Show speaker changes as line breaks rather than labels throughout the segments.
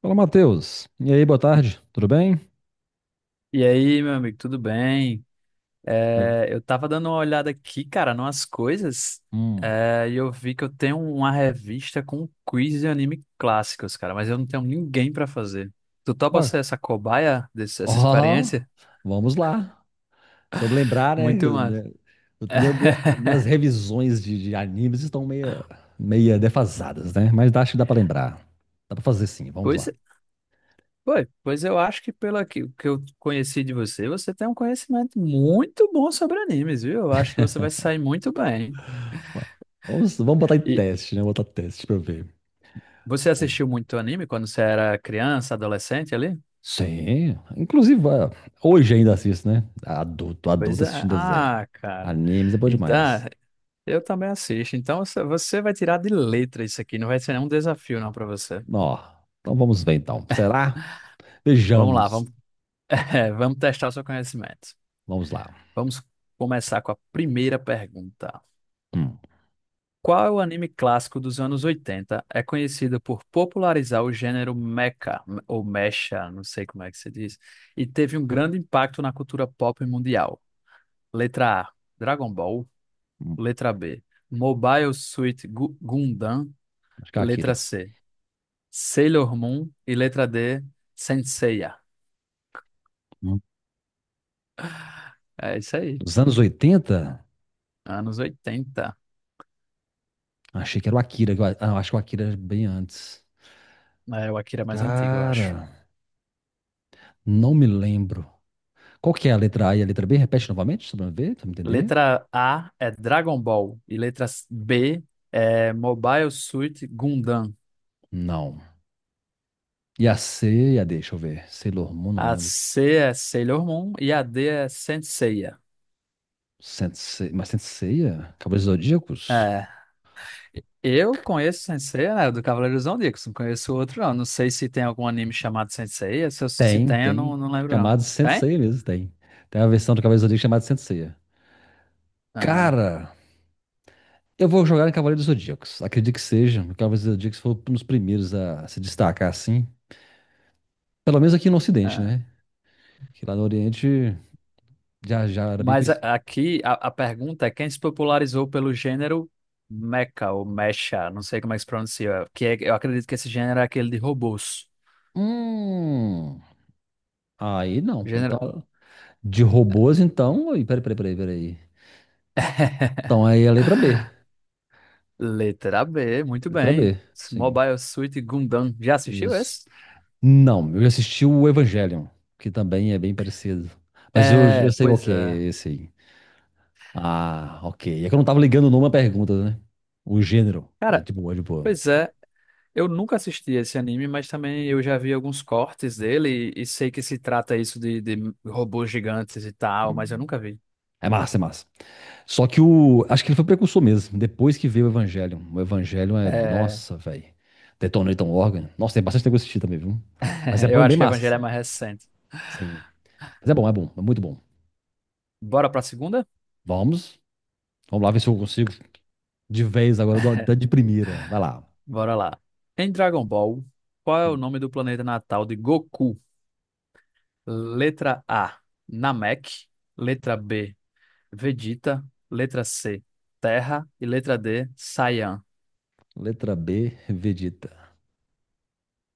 Fala, Matheus. E aí, boa tarde. Tudo bem?
E aí, meu amigo, tudo bem?
Como é que-
É, eu tava dando uma olhada aqui, cara, numas coisas,
Hum.
é, e eu vi que eu tenho uma revista com quiz de anime clássicos, cara, mas eu não tenho ninguém pra fazer. Tu topa
Ó,
ser essa cobaia dessa
ó,
experiência?
vamos lá. Se eu me lembrar, né?
Muito massa.
Meu- minha- minhas revisões de animes estão meia defasadas, né? Mas acho que dá pra lembrar. Dá pra fazer sim, vamos
Pois,
lá.
é, foi. Pois eu acho que pelo que eu conheci de você, você tem um conhecimento muito bom sobre animes, viu? Eu acho que você vai se sair muito bem.
Ó, Vamos botar em
E
teste, né? Botar teste pra eu ver.
você
Bom.
assistiu muito anime quando você era criança, adolescente ali?
Sim. Inclusive, ó, hoje ainda assisto, né? Adulto,
Pois
adulto
é.
assistindo desenho.
Ah, cara.
Animes é bom
Então, ah,
demais.
eu também assisto. Então você vai tirar de letra isso aqui. Não vai ser nenhum desafio, não, para você.
Ó, então vamos ver então. Será?
Vamos lá,
Vejamos.
vamos, vamos testar o seu conhecimento.
Vamos lá.
Vamos começar com a primeira pergunta.
Hum,
Qual é o anime clássico dos anos 80 é conhecido por popularizar o gênero mecha, ou mecha, não sei como é que se diz, e teve um grande impacto na cultura pop mundial? Letra A, Dragon Ball.
hum,
Letra B, Mobile Suit Gundam.
acho que é o
Letra
Akira.
C, Sailor Moon. E letra D, Senseiya.
Hum.
É isso aí.
Dos anos 80,
Anos 80.
achei que era o Akira. Ah, eu acho que o Akira era bem antes.
É, o Akira é mais antigo, eu
Cara,
acho.
não me lembro. Qual que é a letra A e a letra B? Repete novamente, só pra eu ver, pra eu entender.
Letra A é Dragon Ball. E letra B é Mobile Suit Gundam.
Não. E a C e a D, deixa eu ver. Sailor Moon, não
A
lembro.
C é Sailor Moon. E a D é Senseiya.
Sensei, mas Senseiya? Cavaleiros Zodíacos?
É. Eu conheço Senseiya, né, do Cavaleiros do Zodíaco. Não conheço outro, não. Não sei se tem algum anime chamado Senseiya. Se, se
Tem,
tem, eu
tem.
não, não lembro, não.
Chamado
Tem?
Senseiya mesmo, tem. Tem a versão do Cavaleiros Zodíacos chamada Senseiya.
Ah,
Cara, eu vou jogar em Cavaleiro dos Zodíacos. Acredito que seja. O Cavaleiro dos Zodíacos foi um dos primeiros a se destacar, assim. Pelo menos aqui no Ocidente,
ah.
né? Que lá no Oriente já era bem
Mas
conhecido.
aqui a pergunta é quem se popularizou pelo gênero mecha ou mecha, não sei como é que se pronuncia, eu acredito que esse gênero é aquele de robôs.
Hum. Aí não.
Gênero,
Então, de robôs, então. Aí, peraí, peraí, peraí, peraí. Então aí é a letra B.
letra B, muito
Letra
bem.
B, sim.
Mobile Suit Gundam. Já assistiu
Isso.
esse?
Não, eu já assisti o Evangelion, que também é bem parecido. Mas eu
É,
sei qual
pois
que
é.
é esse aí. Ah, ok. É que eu não tava ligando o nome à pergunta, né? O gênero. Ah,
Cara,
de boa, de boa.
pois é. Eu nunca assisti esse anime, mas também eu já vi alguns cortes dele e sei que se trata isso de robôs gigantes e tal, mas eu nunca vi.
É massa, é massa. Só que o. Acho que ele foi precursor mesmo. Depois que veio o Evangelion.
É,
Nossa, velho. Detonator Organ. Nossa, tem bastante negócio assistir também, viu? Mas é
eu
bom,
acho
bem
que o
massa,
Evangelho é
assim.
mais recente.
Sim. Mas é bom, é bom. É muito bom.
Bora pra segunda?
Vamos. Vamos lá ver se eu consigo de vez agora do- da de primeira. Vai lá.
Bora lá. Em Dragon Ball, qual é o
Hum.
nome do planeta natal de Goku? Letra A, Namek. Letra B, Vegeta. Letra C, Terra. E letra D, Saiyan.
Letra B, Vegeta.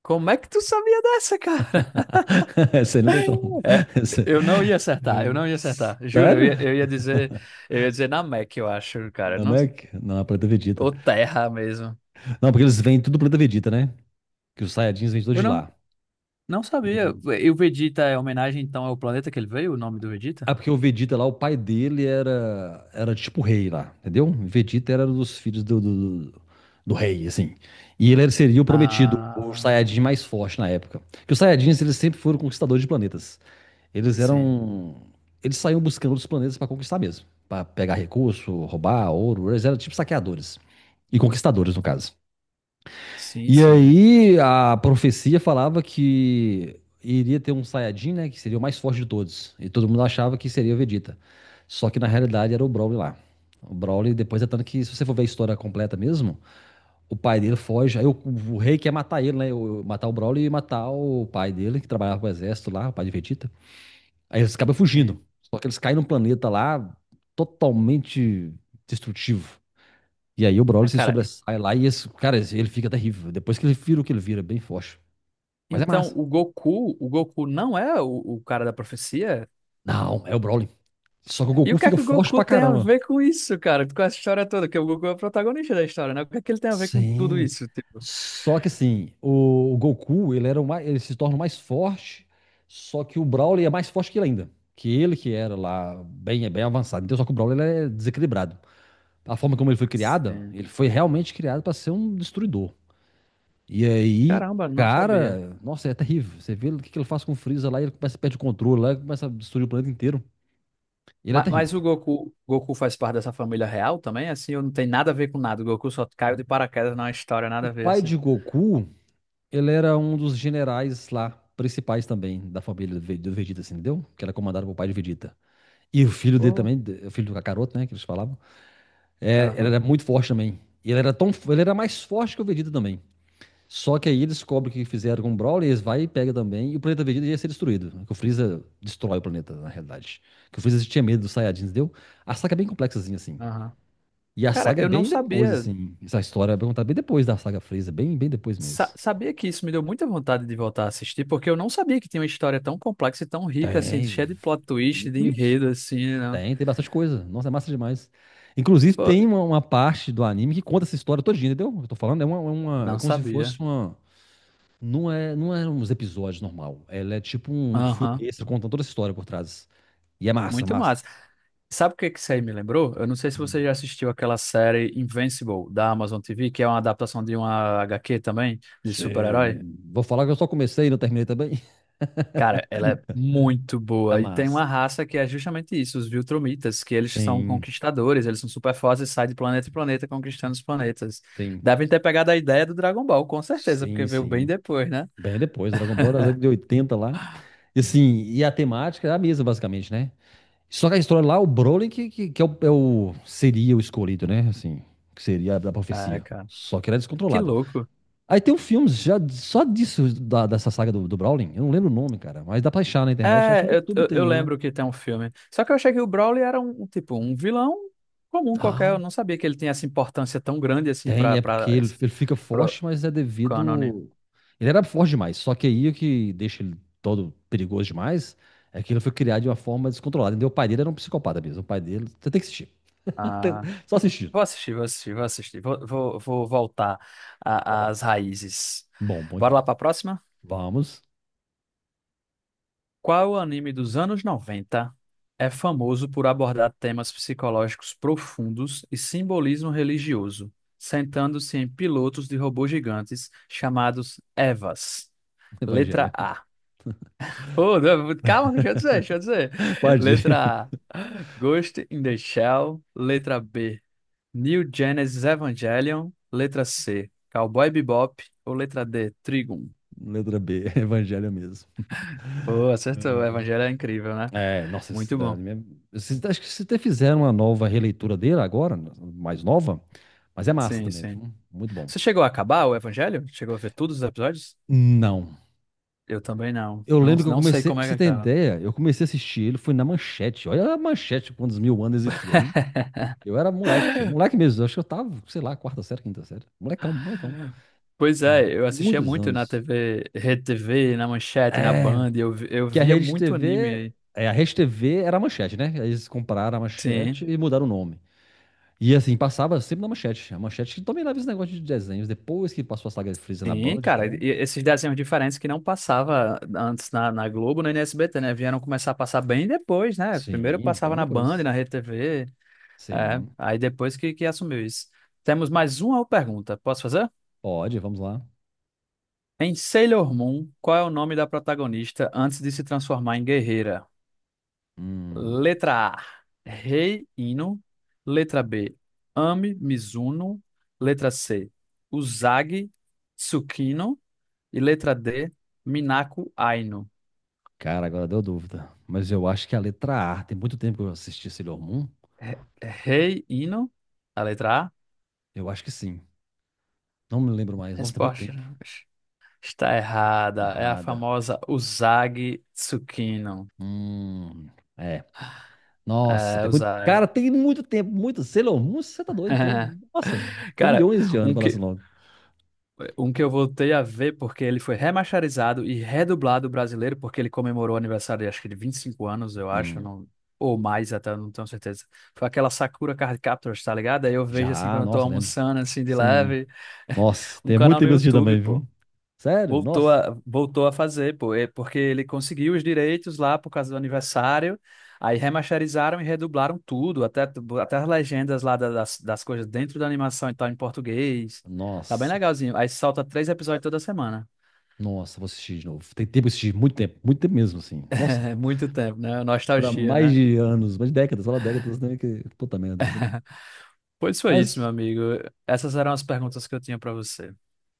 Como é que tu sabia dessa, cara?
Essa aí não tem como.
É,
Essa-
eu não ia acertar,
É.
eu não ia acertar. Juro, eu
Sério?
ia, eu ia dizer, eu ia dizer Namek, eu acho, cara. Não,
Namek? Não, é planeta Vegeta.
ou Terra mesmo.
Não, porque eles vêm tudo planeta Vegeta, né? Que os Saiyajins vêm todos
Eu
de
não,
lá.
não sabia. E o Vegeta é homenagem, então, ao planeta que ele veio, o nome do
Ah,
Vegeta?
porque o Vegeta lá, o pai dele era tipo rei lá, entendeu? O Vegeta era dos filhos do rei, assim. E ele seria o prometido, o
Ah,
Saiyajin mais forte na época. Porque os Saiyajins, eles sempre foram conquistadores de planetas. Eles
sim.
eram... Eles saíam buscando os planetas para conquistar mesmo. Para pegar recurso, roubar ouro. Eles eram tipo saqueadores. E conquistadores, no caso.
Sim,
E
sim.
aí a profecia falava que iria ter um Saiyajin, né? Que seria o mais forte de todos. E todo mundo achava que seria o Vegeta. Só que na realidade era o Broly lá. O Broly, depois é tanto que, se você for ver a história completa mesmo, o pai dele foge. Aí o rei quer matar ele, né? Matar o Broly e matar o pai dele, que trabalhava com o exército lá, o pai de Vegeta. Aí eles acabam fugindo.
Sim.
Só que eles caem num planeta lá totalmente destrutivo. E aí o Broly
Ah,
se
cara,
sobressai lá e esse, cara, ele fica terrível. Depois que ele vira o que ele vira, é bem forte. Mas é
então
massa.
o Goku não é o cara da profecia?
Não, é o Broly. Só que o
E
Goku
o que é
fica
que o
forte
Goku
pra
tem a
caramba.
ver com isso, cara? Com essa história toda, que o Goku é o protagonista da história, né? O que é que ele tem a ver com tudo
Sim.
isso, tipo?
Só que assim, o Goku, ele se torna o mais forte, só que o Broly é mais forte que ele ainda. Que ele que era lá bem, é bem avançado. Então, só que o Broly ele é desequilibrado. A forma como ele foi criado,
Sim.
ele foi realmente criado para ser um destruidor. E aí,
Caramba, não sabia.
cara, nossa, é terrível. Você vê o que que ele faz com o Freeza lá, ele começa a perder o controle lá, ele começa a destruir o planeta inteiro. Ele é
Mas
terrível.
o Goku, Goku faz parte dessa família real também, assim, ou não tem nada a ver com nada? O Goku só caiu de paraquedas na história,
O
nada a ver,
pai
assim.
de Goku, ele era um dos generais lá, principais também, da família do Vegeta, assim, entendeu? Que era comandado pelo pai de Vegeta. E o filho dele
Pô,
também, o filho do Kakaroto, né, que eles falavam, é, ele
aham,
era muito forte também. E ele era mais forte que o Vegeta também. Só que aí eles descobrem o que fizeram com o Brawler, eles vai e pega também, e o planeta Vegeta ia ser destruído, né? Que o Freeza destrói o planeta, na realidade. Que o Freeza tinha medo dos Saiyajins, entendeu? A saga é bem complexazinha, assim.
aham.
E a
Cara,
saga é
eu não
bem depois,
sabia.
assim. Essa história é contada bem depois da saga Freeza, bem, bem depois
Sa-
mesmo.
sabia que isso me deu muita vontade de voltar a assistir, porque eu não sabia que tinha uma história tão complexa e tão rica, assim,
Tem.
cheia de plot twist, de
Vixe,
enredo, assim, né?
tem bastante coisa. Nossa, é massa demais. Inclusive,
Pô,
tem uma parte do anime que conta essa história todinha, entendeu? Eu tô falando, é
não
como se
sabia.
fosse uma. Não é uns episódios normal. Ela é tipo um filme
Aham,
extra contando toda essa história por trás. E é massa,
muito
massa.
massa. Sabe o que que isso aí me lembrou? Eu não sei se você
Hum.
já assistiu aquela série Invincible, da Amazon TV, que é uma adaptação de uma HQ também, de super-herói.
Sim. Vou falar que eu só comecei e não terminei também.
Cara, ela é muito
É
boa. E tem uma
massa.
raça que é justamente isso, os Viltrumitas, que eles são
Sim,
conquistadores, eles são super fortes e saem de planeta em planeta conquistando os planetas.
sim,
Devem ter pegado a ideia do Dragon Ball, com certeza, porque
sim,
veio bem
sim.
depois, né?
Bem depois, Dragon Ball da década de 80 lá. E assim, e a temática é a mesma, basicamente, né? Só que a história lá, o Broly que seria o escolhido, né? Assim, que seria da
Ah,
profecia.
cara,
Só que ele é
que
descontrolado.
louco.
Aí tem um filme já só disso, dessa saga do Browning. Eu não lembro o nome, cara. Mas dá pra achar na internet. Acho que no
É, eu,
YouTube
eu, eu
tem ele.
lembro que tem um filme. Só que eu achei que o Broly era um, tipo, um vilão comum qualquer. Eu
Ah,
não sabia que ele tinha essa importância tão grande assim
tem. É porque ele fica
pro
forte, mas é
cânone.
devido. Ele era forte demais. Só que aí o que deixa ele todo perigoso demais é que ele foi criado de uma forma descontrolada. Entendeu? O pai dele era um psicopata mesmo. O pai dele. Você tem que assistir. Tem- Só assistir.
Vou assistir, vou assistir, vou assistir. Vou voltar
Vamos
às
lá.
raízes.
Bom, muito
Bora
bom.
lá para a próxima?
Vamos.
Qual anime dos anos 90 é famoso por abordar temas psicológicos profundos e simbolismo religioso, sentando-se em pilotos de robôs gigantes chamados Evas? Letra
Evangelho.
A. Oh, não, calma, deixa eu dizer, deixa eu dizer.
Pode ir.
Letra A. Ghost in the Shell. Letra B. New Genesis Evangelion, letra C, Cowboy Bebop ou letra D, Trigun?
Letra B. Evangelho mesmo.
Pô, acertou, o Evangelho é incrível, né?
É, nossa,
Muito bom.
acho que vocês até fizeram uma nova releitura dele agora, mais nova, mas é massa
Sim,
também,
sim.
viu? Muito bom.
Você chegou a acabar o Evangelho? Chegou a ver todos os episódios?
Não.
Eu também não.
Eu
Não,
lembro que eu
não sei
comecei,
como
pra
é que
você ter
acaba.
ideia, eu comecei a assistir ele, foi na Manchete. Olha a Manchete, quantos mil anos existia, hein? Eu era moleque, moleque mesmo, acho que eu tava, sei lá, quarta série, quinta série. Molecão, molecão.
Pois é, eu assistia
Muitos
muito na
anos.
TV, Rede TV, na Manchete, na
É,
Band, eu
que a
via
Rede
muito anime
TV,
aí.
a Rede TV era a Manchete, né? Aí eles compraram a Manchete
Sim.
e mudaram o nome. E assim, passava sempre na Manchete. A Manchete que dominava esse negócio de desenhos, depois que passou a saga de Freeza na
Sim,
Band e
cara, e
tal.
esses desenhos diferentes que não passava antes na Globo nem no SBT, né? Vieram começar a passar bem depois, né? Primeiro
Sim, bem
passava na Band,
depois.
na Rede TV, é,
Sim.
aí depois que assumiu isso. Temos mais uma pergunta, posso fazer?
Pode, vamos lá.
Em Sailor Moon, qual é o nome da protagonista antes de se transformar em guerreira?
Hum,
Letra A, Rei Ino. Letra B, Ami Mizuno. Letra C, Usagi Tsukino. E letra D, Minako Aino.
cara, agora deu dúvida. Mas eu acho que a letra A, tem muito tempo que eu assisti Sailor Moon.
Re- Rei Hino, a letra A.
Eu acho que sim. Não me lembro mais. Nossa, tem muito
Resposta
tempo.
está errada. É a
Errada.
famosa Usagi Tsukino.
Hum, é. Nossa,
É,
tem muito. Cara,
Usagi.
tem muito tempo, muito. Sailor Moon, você tá doido? Então, nossa,
Cara,
bilhões de anos
um
pra lá esse
que,
nome.
um que eu voltei a ver porque ele foi remasterizado e redublado brasileiro, porque ele comemorou o aniversário, acho que de 25 anos, eu acho,
Hum,
não, ou mais até, não tenho certeza. Foi aquela Sakura Card Captors, tá ligado? Aí eu vejo assim
já,
quando eu tô
nossa, lembro.
almoçando, assim, de
Sim.
leve,
Nossa,
um
tem muito
canal
tempo
no
que eu assisti
YouTube,
também,
pô.
viu? Sério?
Voltou
Nossa.
a, voltou a fazer, pô, é porque ele conseguiu os direitos lá por causa do aniversário, aí remasterizaram e redublaram tudo, até, até as legendas lá das coisas dentro da animação e tal, em português. Tá bem
Nossa.
legalzinho. Aí salta três episódios toda semana.
Nossa, vou assistir de novo. Tem tempo que eu assisti, muito tempo mesmo, assim. Nossa,
É muito tempo, né?
pra
Nostalgia,
mais
né?
de anos, mais de décadas, fala décadas, né? Que, puta merda.
Pois foi isso, meu
Mas,
amigo. Essas eram as perguntas que eu tinha pra você.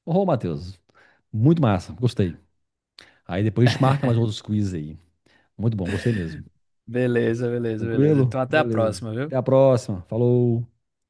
ô, Matheus, muito massa, gostei. Aí depois a gente marca mais outros quiz aí. Muito bom, gostei mesmo.
Beleza, beleza, beleza. Então
Tranquilo?
até a
Beleza.
próxima,
Até a
viu?
próxima. Falou.